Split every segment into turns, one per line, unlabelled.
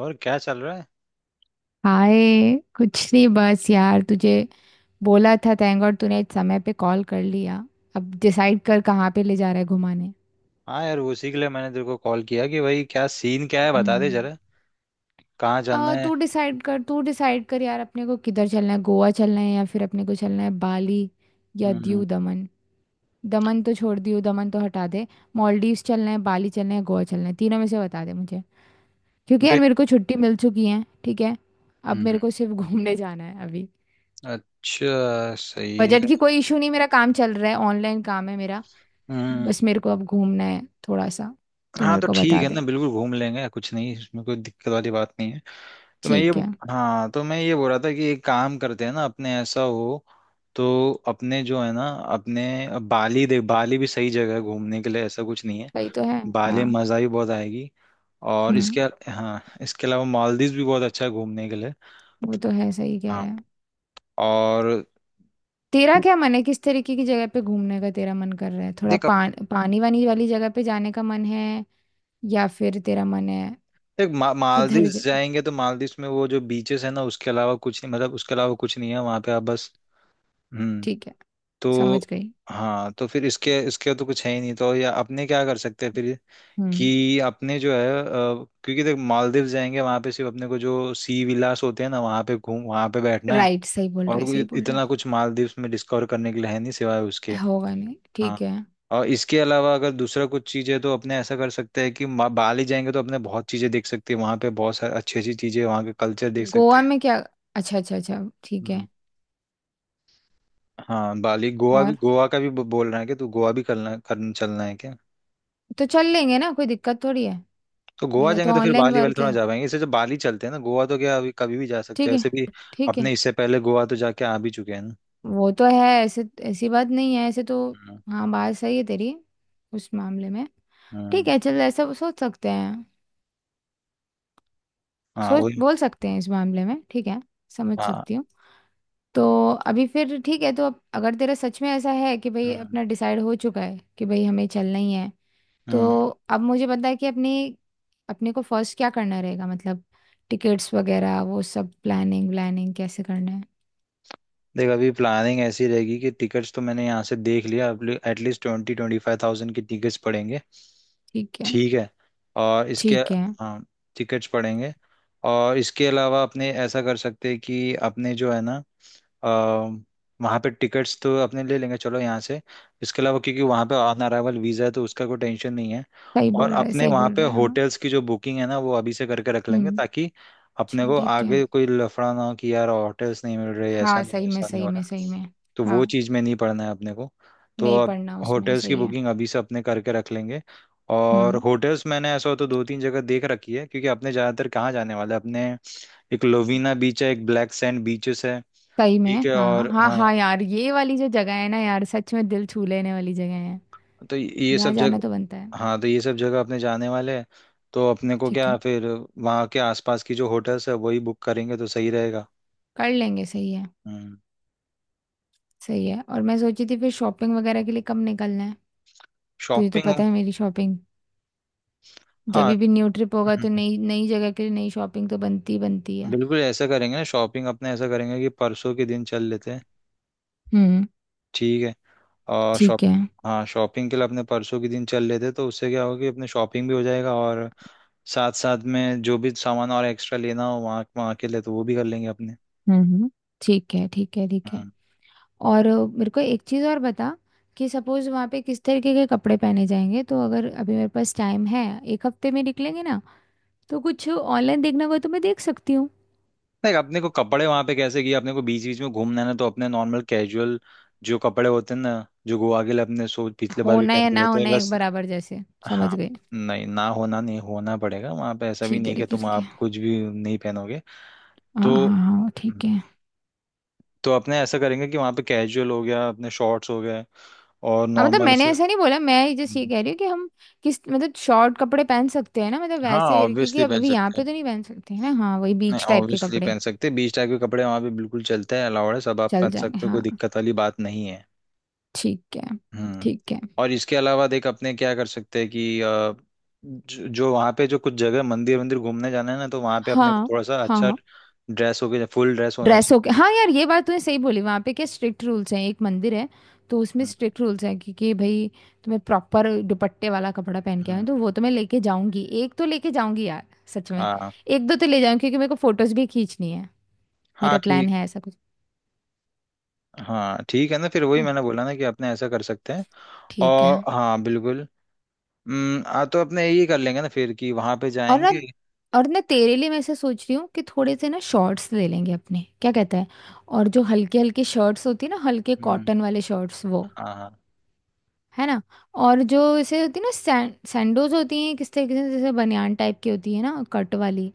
और क्या चल रहा है?
हाय कुछ नहीं बस यार तुझे बोला था थैंक गॉड तूने इस समय पे कॉल कर लिया। अब डिसाइड कर कहाँ पे ले जा रहा है घुमाने।
हाँ यार, उसी के लिए मैंने तेरे को कॉल किया कि भाई क्या सीन क्या है बता दे
हम्म।
जरा। कहाँ चलना है?
तू डिसाइड कर यार अपने को किधर चलना है। गोवा चलना है या फिर अपने को चलना है बाली या
हम्म।
दीव दमन। दमन तो छोड़ दीव दमन तो हटा दे। मॉलडीव्स चलना है बाली चलना है गोवा चलना है तीनों में से बता दे मुझे। क्योंकि यार
देख।
मेरे को छुट्टी मिल चुकी है ठीक है। अब
हम्म।
मेरे को सिर्फ घूमने जाना है अभी।
अच्छा सही
बजट
है।
की कोई इशू नहीं, मेरा काम चल रहा है, ऑनलाइन काम है मेरा।
हम्म।
बस मेरे को अब घूमना है थोड़ा सा, तो
हाँ
मेरे
तो
को
ठीक
बता
है
दे।
ना, बिल्कुल घूम लेंगे, कुछ नहीं इसमें कोई दिक्कत वाली बात नहीं है। तो मैं ये,
ठीक है।
हाँ तो मैं ये बोल रहा था कि एक काम करते हैं ना, अपने ऐसा हो तो अपने जो है ना, अपने बाली, देख बाली भी सही जगह है घूमने के लिए, ऐसा कुछ नहीं है।
सही तो है।
बाली
हाँ।
में मजा भी बहुत आएगी। और
हम्म।
इसके, हाँ इसके अलावा मालदीव भी बहुत अच्छा है घूमने के लिए।
वो तो है, सही कह
हाँ।
रहे हैं।
और,
तेरा क्या मन है किस तरीके की जगह पे घूमने का तेरा मन कर रहा है, थोड़ा
देख अब,
पानी वानी वाली जगह पे जाने का मन है या फिर तेरा मन है
देख मालदीव
किधर।
जाएंगे तो मालदीव में वो जो बीचेस है ना उसके अलावा कुछ नहीं, मतलब उसके अलावा कुछ नहीं है, वहाँ पे आप बस। हम्म।
ठीक है,
तो,
समझ गई।
हाँ तो फिर इसके इसके तो कुछ है ही नहीं तो या अपने क्या कर सकते हैं फिर
हम्म।
कि अपने जो है क्योंकि देख मालदीव जाएंगे वहाँ पे सिर्फ अपने को जो सी विलास होते हैं ना वहाँ पे घूम वहाँ पे बैठना है।
राइट, सही बोल
और
रहे सही
कोई
बोल रहे।
इतना कुछ मालदीव में डिस्कवर करने के लिए है नहीं सिवाय उसके।
होगा नहीं ठीक
हाँ।
है।
और इसके अलावा अगर दूसरा कुछ चीज़ है तो अपने ऐसा कर सकते हैं कि बाली जाएंगे तो अपने बहुत चीज़ें देख सकते हैं वहाँ पे, बहुत सारी अच्छी अच्छी चीज़ें, वहाँ के कल्चर देख सकते
गोवा
हैं।
में क्या। अच्छा अच्छा अच्छा ठीक है।
हम्म। हाँ बाली, गोवा भी,
और
गोवा का भी बोल रहा है कि तो गोवा भी करना करना चलना है क्या?
तो चल लेंगे ना, कोई दिक्कत थोड़ी है।
तो गोवा
मेरा तो
जाएंगे तो फिर
ऑनलाइन
बाली वाली
वर्क
थोड़ा
है।
जा पाएंगे, इससे जो बाली चलते हैं ना, गोवा तो क्या अभी कभी भी जा सकते
ठीक
हैं वैसे भी।
है। ठीक है।
अपने इससे पहले गोवा तो जाके आ भी चुके हैं ना।
वो तो है ऐसे, ऐसी बात नहीं है ऐसे तो।
हम्म।
हाँ बात सही है तेरी, उस मामले में। ठीक
हम्म।
है, चल ऐसा सोच सकते हैं।
हाँ
सोच
वही।
बोल सकते हैं इस मामले में। ठीक है। समझ
हाँ।
सकती हूँ। तो अभी फिर ठीक है, तो अब अगर तेरा सच में ऐसा है कि भाई
हम्म।
अपना डिसाइड हो चुका है कि भाई हमें चलना ही है,
हम्म।
तो अब मुझे पता है कि अपनी अपने को फर्स्ट क्या करना रहेगा, मतलब टिकट्स वगैरह वो सब प्लानिंग व्लानिंग कैसे करना है।
देख अभी प्लानिंग ऐसी रहेगी कि टिकट्स तो मैंने यहाँ से देख लिया। एटलीस्ट 25,000 की टिकट्स पड़ेंगे।
ठीक है।
ठीक है। और इसके,
ठीक है।
हाँ टिकट्स पड़ेंगे। और इसके अलावा अपने ऐसा कर सकते हैं कि अपने जो है ना अ, वहाँ पे टिकट्स तो अपने ले लेंगे चलो यहाँ से। इसके अलावा क्योंकि वहाँ पे ऑन अराइवल वीज़ा है तो उसका कोई टेंशन नहीं है। और अपने
सही
वहाँ
बोल
पे
रहे हैं हाँ।
होटल्स की जो बुकिंग है ना वो अभी से करके रख लेंगे,
हम्म।
ताकि अपने
चल
को
ठीक है।
आगे कोई लफड़ा ना हो कि यार होटल्स नहीं मिल रहे, ऐसा
हाँ
नहीं
सही में
वैसा नहीं
सही
हो
में
रहा।
सही में।
तो वो
हाँ
चीज़ में नहीं पड़ना है अपने को। तो
नहीं
अब
पढ़ना उसमें,
होटल्स की
सही है।
बुकिंग अभी से अपने करके रख लेंगे। और
हम्म।
होटल्स मैंने ऐसा हो तो 2-3 जगह देख रखी है, क्योंकि अपने ज़्यादातर कहाँ जाने वाले हैं? अपने एक लोवीना बीच है, एक ब्लैक सैंड बीचेस है।
सही
ठीक
में
है।
हाँ
और
हाँ
हाँ
हाँ यार, ये वाली जो जगह है ना यार सच में दिल छू लेने वाली जगह है।
तो ये
यहाँ
सब
जाना तो बनता है।
जगह, हाँ तो ये सब जगह अपने जाने वाले हैं। तो अपने को
ठीक
क्या
है,
फिर वहाँ के आसपास की जो होटल्स है वही बुक करेंगे तो सही रहेगा।
कर लेंगे, सही है।
हम्म।
सही है। और मैं सोची थी फिर शॉपिंग वगैरह के लिए कब निकलना है। तुझे तो
शॉपिंग?
पता है मेरी शॉपिंग। जब
हाँ।
भी न्यू ट्रिप होगा
हम्म।
तो
हम्म।
नई नई जगह के लिए नई शॉपिंग तो बनती बनती है।
बिल्कुल ऐसा करेंगे ना, शॉपिंग अपने ऐसा करेंगे कि परसों के दिन चल लेते हैं।
हम्म।
ठीक है। और शॉप,
ठीक है।
हाँ शॉपिंग के लिए अपने परसों के दिन चल लेते हैं तो उससे क्या होगा कि अपने शॉपिंग भी हो जाएगा, और साथ साथ में जो भी सामान और एक्स्ट्रा लेना हो वहाँ वहाँ के लिए तो वो भी कर लेंगे अपने।
हम्म। ठीक है ठीक है ठीक है।
हम्म।
और मेरे को एक चीज़ और बता कि सपोज वहाँ पे किस तरीके के कपड़े पहने जाएंगे, तो अगर अभी मेरे पास टाइम है, एक हफ्ते में निकलेंगे ना, तो कुछ ऑनलाइन देखना हो तो मैं देख सकती हूँ।
नहीं, अपने को कपड़े वहां पे कैसे किए, अपने को बीच बीच में घूमना है ना तो अपने नॉर्मल कैजुअल जो कपड़े होते हैं ना, जो गोवा के लिए अपने सो पिछले बार भी
होना या
पहनते
ना
हुए थे
होना एक
बस।
बराबर जैसे, समझ
हाँ।
गई।
नहीं ना होना नहीं होना पड़ेगा वहां पे, ऐसा भी
ठीक है
नहीं कि
ठीक है
तुम
ठीक
आप
है।
कुछ भी नहीं पहनोगे।
हाँ
तो
हाँ हाँ ठीक
हम्म,
है।
तो अपने ऐसा करेंगे कि वहां पे कैजुअल हो गया, अपने शॉर्ट्स हो गए और
हाँ मतलब
नॉर्मल ऐसे।
मैंने ऐसा नहीं बोला, मैं जस्ट ये
हम्म,
कह रही हूँ कि हम किस मतलब शॉर्ट कपड़े पहन सकते हैं ना, मतलब
हाँ
वैसे करके, क्योंकि
ऑब्वियसली
अब
पहन
अभी यहाँ
सकते हैं।
पे तो नहीं पहन सकते हैं ना। हाँ वही
नहीं
बीच टाइप के
ऑब्वियसली
कपड़े।
पहन सकते हैं, बीच टाइप के कपड़े वहां पे बिल्कुल चलते हैं, अलाउड है, सब आप
चल
पहन
जाएंगे
सकते हो, कोई
हाँ।
दिक्कत वाली बात नहीं है।
ठीक है।
हम्म।
ठीक है।
और इसके अलावा देख अपने क्या कर सकते हैं कि जो वहाँ पे जो कुछ जगह मंदिर मंदिर घूमने जाना है ना तो वहाँ पे अपने को
हाँ
थोड़ा सा
हाँ
अच्छा
हाँ।
ड्रेस हो गया, फुल ड्रेस होना चाहिए।
ड्रेसों के हाँ यार, ये बात तूने सही बोली। वहाँ पे क्या स्ट्रिक्ट रूल्स हैं, एक मंदिर है, तो उसमें
हम्म।
स्ट्रिक्ट रूल्स हैं कि भाई तुम्हें प्रॉपर दुपट्टे वाला कपड़ा पहन के
हम्म।
आए,
हम्म।
तो वो तो मैं लेके जाऊंगी, एक तो लेके जाऊंगी यार। सच में,
हाँ
एक दो तो ले जाऊंगी क्योंकि मेरे को फोटोज भी खींचनी है।
हाँ
मेरा प्लान
ठीक।
है ऐसा कुछ
हाँ ठीक है ना, फिर वही
ना।
मैंने बोला ना कि अपने ऐसा कर सकते हैं।
ठीक
और
है।
हाँ बिल्कुल। हम्म। हाँ तो अपने यही कर लेंगे ना फिर कि वहाँ पे
और ना
जाएंगे।
और ना तेरे लिए मैं ऐसा सोच रही हूँ कि थोड़े से ना शॉर्ट्स ले लेंगे अपने, क्या कहता है। और जो हल्के हल्के शर्ट्स होती है ना, हल्के
हम्म।
कॉटन वाले शर्ट्स वो।
हाँ हाँ।
है ना। और जो इसे होती है ना, सैंडोज होती हैं किस तरीके से जैसे बनियान टाइप की होती है ना, कट वाली।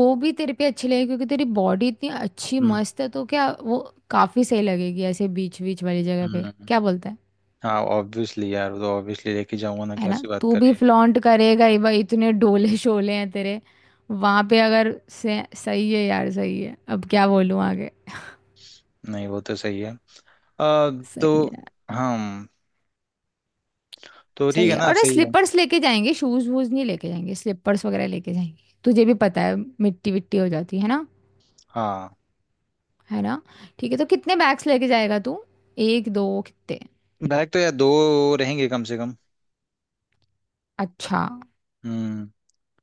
वो भी तेरे पे अच्छी लगेगी क्योंकि तेरी बॉडी इतनी अच्छी
हम्म।
मस्त है, तो क्या वो काफी सही लगेगी ऐसे बीच बीच वाली जगह पे,
हम्म।
क्या बोलता है।
हाँ ऑब्वियसली यार, वो तो ऑब्वियसली लेके जाऊंगा ना,
है ना,
कैसी बात
तू भी
करिए।
फ्लॉन्ट करेगा ही भाई इतने डोले शोले हैं तेरे वहां पे, अगर सही है यार सही है, अब क्या बोलूं आगे।
नहीं वो तो सही है। आ,
सही
तो
है।
हम, तो ठीक
सही
है
है।
ना,
और
सही है।
स्लीपर्स लेके जाएंगे, शूज वूज नहीं लेके जाएंगे, स्लीपर्स वगैरह लेके जाएंगे, तुझे भी पता है मिट्टी विट्टी हो जाती है ना।
हाँ
है ना। ठीक है, तो कितने बैग्स लेके जाएगा तू, एक दो कितने।
बैग तो यार दो रहेंगे कम से कम।
अच्छा।
हम्म।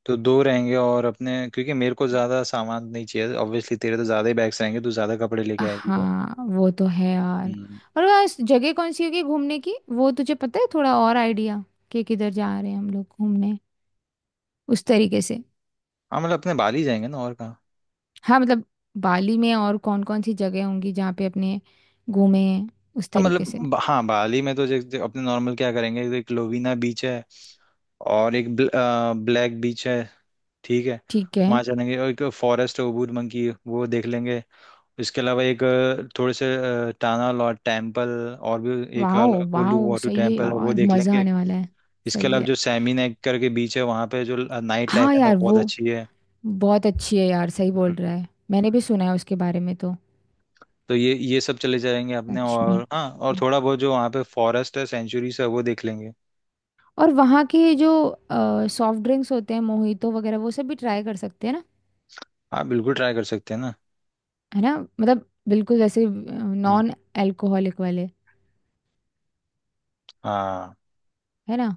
तो दो रहेंगे, और अपने क्योंकि मेरे को ज्यादा सामान नहीं चाहिए ऑब्वियसली, तेरे तो ज्यादा ही बैग्स रहेंगे, तू ज्यादा कपड़े लेके आएगी तो।
हाँ वो तो है यार।
हम्म।
और वह इस जगह कौन सी होगी घूमने की, वो तुझे पता है थोड़ा और आइडिया कि किधर जा रहे हैं हम लोग घूमने, उस तरीके से।
हाँ मतलब अपने बाली जाएंगे ना, और कहाँ।
हाँ मतलब बाली में और कौन कौन सी जगह होंगी जहाँ पे अपने घूमे, उस
हाँ मतलब
तरीके से।
हाँ बाली में तो जैसे अपने नॉर्मल क्या करेंगे, एक लोवीना बीच है और एक ब्लैक बीच है। ठीक है।
ठीक है।
वहाँ चलेंगे और एक फॉरेस्ट ओबूर मंकी वो देख लेंगे। इसके अलावा एक थोड़े से टाना लॉट टेम्पल, और भी एक
वाह।
उलू
वाह
वाटू
सही है
टेम्पल है वो
यार,
देख
मज़ा
लेंगे।
आने वाला है।
इसके
सही
अलावा
है।
जो सैमी नेक करके बीच है वहाँ पे जो नाइट लाइफ
हाँ
है ना
यार
वो बहुत
वो
अच्छी है।
बहुत अच्छी है यार, सही
हम्म।
बोल रहा है, मैंने भी सुना है उसके बारे में तो।
तो ये सब चले जाएंगे अपने,
सच में।
और हाँ और थोड़ा बहुत जो वहाँ पे फॉरेस्ट है, सेंचुरीज है वो देख लेंगे।
और वहाँ के जो सॉफ्ट ड्रिंक्स होते हैं मोहितो वगैरह वो सब भी ट्राई कर सकते हैं ना।
हाँ बिल्कुल ट्राई कर सकते हैं ना।
है ना, मतलब बिल्कुल जैसे
हम्म।
नॉन अल्कोहलिक वाले।
हाँ
है ना।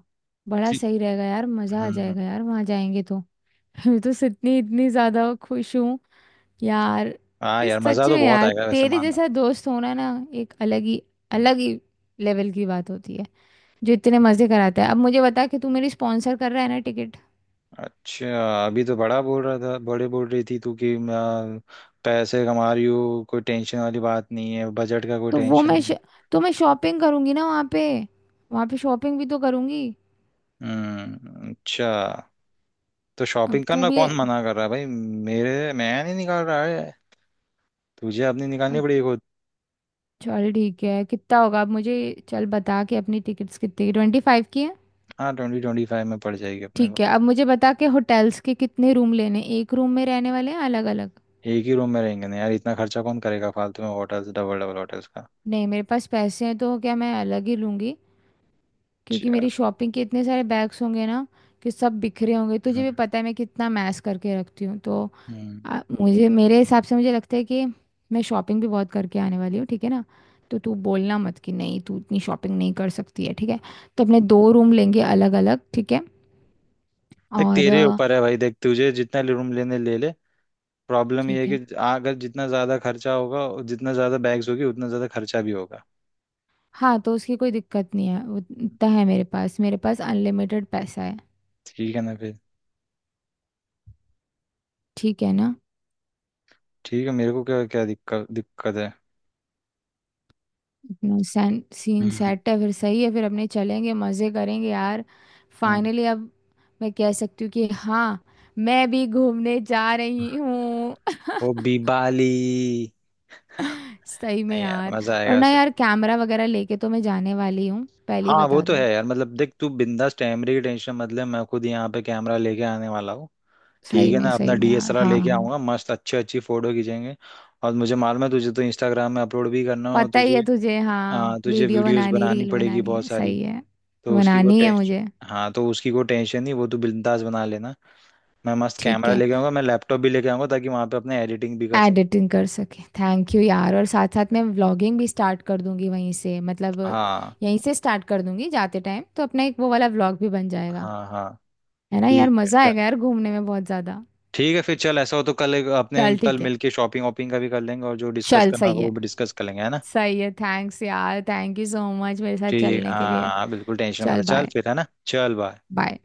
बड़ा
ठीक।
सही रहेगा यार, मज़ा आ
हम्म। हम्म।
जाएगा यार वहाँ जाएंगे तो। मैं तो इतनी इतनी ज़्यादा खुश हूँ यार।
हाँ
इस
यार मज़ा
सच
तो
में
बहुत
यार
आएगा वैसे
तेरे
मानना।
जैसा दोस्त होना ना, एक
हम्म।
अलग ही लेवल की बात होती है, जो इतने मज़े कराता है। अब मुझे बता कि तू मेरी स्पॉन्सर कर रहा है ना।
अच्छा, अभी तो बड़ा बोल रहा था, बड़े बोल रही थी तू कि पैसे कमा रही हो कोई टेंशन वाली बात नहीं है, बजट का कोई
तो वो
टेंशन
मैं
नहीं।
श... तो मैं शॉपिंग करूंगी ना वहाँ पे, वहाँ पे शॉपिंग भी तो करूंगी।
हम्म। अच्छा। तो
अब
शॉपिंग
तू
करना
भी।
कौन मना कर रहा है भाई मेरे, मैं नहीं निकाल रहा है तुझे, अपनी निकालनी
अच्छा,
पड़ेगी खुद।
चल ठीक है कितना होगा, अब मुझे चल बता के अपनी टिकट्स कितनी की, 25 की है।
हाँ 25,000 में पड़ जाएगी अपने
ठीक
को।
है, अब मुझे बता के होटल्स के कितने रूम लेने, एक रूम में रहने वाले हैं अलग अलग।
एक ही रूम में रहेंगे ना यार, इतना खर्चा कौन करेगा फालतू में होटल्स, डबल डबल होटल्स का।
नहीं मेरे पास पैसे हैं तो क्या, मैं अलग ही लूँगी क्योंकि मेरी
अच्छा।
शॉपिंग के इतने सारे बैग्स होंगे ना कि सब बिखरे होंगे, तुझे
हम्म।
भी पता है मैं कितना मैस करके रखती हूँ तो।
हम्म।
मुझे मेरे हिसाब से मुझे लगता है कि मैं शॉपिंग भी बहुत करके आने वाली हूँ ठीक है ना। तो तू बोलना मत कि नहीं तू इतनी शॉपिंग नहीं कर सकती है ठीक है। तो अपने दो रूम लेंगे अलग अलग, ठीक है।
देख
और
तेरे ऊपर है भाई, देख तुझे जितना रूम लेने ले ले। प्रॉब्लम ये
ठीक
है
है।
कि अगर जितना ज़्यादा खर्चा होगा और जितना ज़्यादा बैग्स होगी उतना ज़्यादा खर्चा भी होगा।
हाँ तो उसकी कोई दिक्कत नहीं है वो,
हम्म।
इतना है मेरे पास, मेरे पास अनलिमिटेड पैसा है।
ठीक है ना फिर।
ठीक है ना।
ठीक है, मेरे को क्या क्या दिक्कत दिक्कत है।
अपना सैन सीन
हम्म।
सेट है फिर, सही है, फिर अपने चलेंगे मज़े करेंगे यार।
हम्म।
फाइनली अब मैं कह सकती हूँ कि हाँ, मैं भी घूमने जा रही हूँ।
वो बीबाली।
सही में
नहीं यार
यार।
मजा
और
आएगा
ना
उसे।
यार कैमरा वगैरह लेके तो मैं जाने वाली हूँ, पहले ही
हाँ वो
बता
तो है
दूँ।
यार, मतलब देख तू बिंदास, कैमरे की टेंशन मत ले, मैं खुद यहाँ पे कैमरा लेके आने वाला हूँ। ठीक है ना, अपना
सही में यार
डीएसएलआर
हाँ
लेके
हाँ।
आऊंगा, मस्त अच्छी अच्छी फोटो खींचेंगे। और मुझे मालूम है तुझे तो इंस्टाग्राम में अपलोड भी करना है, और
पता ही
तुझे
है तुझे हाँ,
तुझे
वीडियो
वीडियोस
बनानी
बनानी
रील
पड़ेगी
बनानी
बहुत
है
सारी।
सही है।
तो उसकी को
बनानी है मुझे।
टेंशन, हाँ तो उसकी को टेंशन नहीं, वो तू बिंदास बना लेना। मैं मस्त
ठीक
कैमरा
है।
लेके आऊंगा, मैं लैपटॉप भी लेके आऊंगा ताकि वहां पे अपने एडिटिंग भी कर सकते।
एडिटिंग कर सके, थैंक यू यार। और साथ साथ मैं व्लॉगिंग भी स्टार्ट कर दूंगी वहीं से, मतलब
हाँ
यहीं से स्टार्ट कर दूंगी जाते टाइम, तो अपना एक वो वाला व्लॉग भी बन जाएगा।
हाँ हाँ।
है ना यार
ठीक है
मज़ा
डन।
आएगा यार घूमने में बहुत ज़्यादा।
ठीक है फिर चल ऐसा हो तो कल अपने
चल
कल
ठीक है।
मिलके शॉपिंग वॉपिंग का भी कर लेंगे और जो डिस्कस
चल
करना होगा
सही
वो
है।
भी डिस्कस कर लेंगे, है ना।
सही है, थैंक्स यार, थैंक यू सो मच मेरे साथ
ठीक,
चलने के
हाँ
लिए।
हाँ बिल्कुल टेंशन मत
चल
ले। चल
बाय।
फिर है ना, चल बाय।
बाय।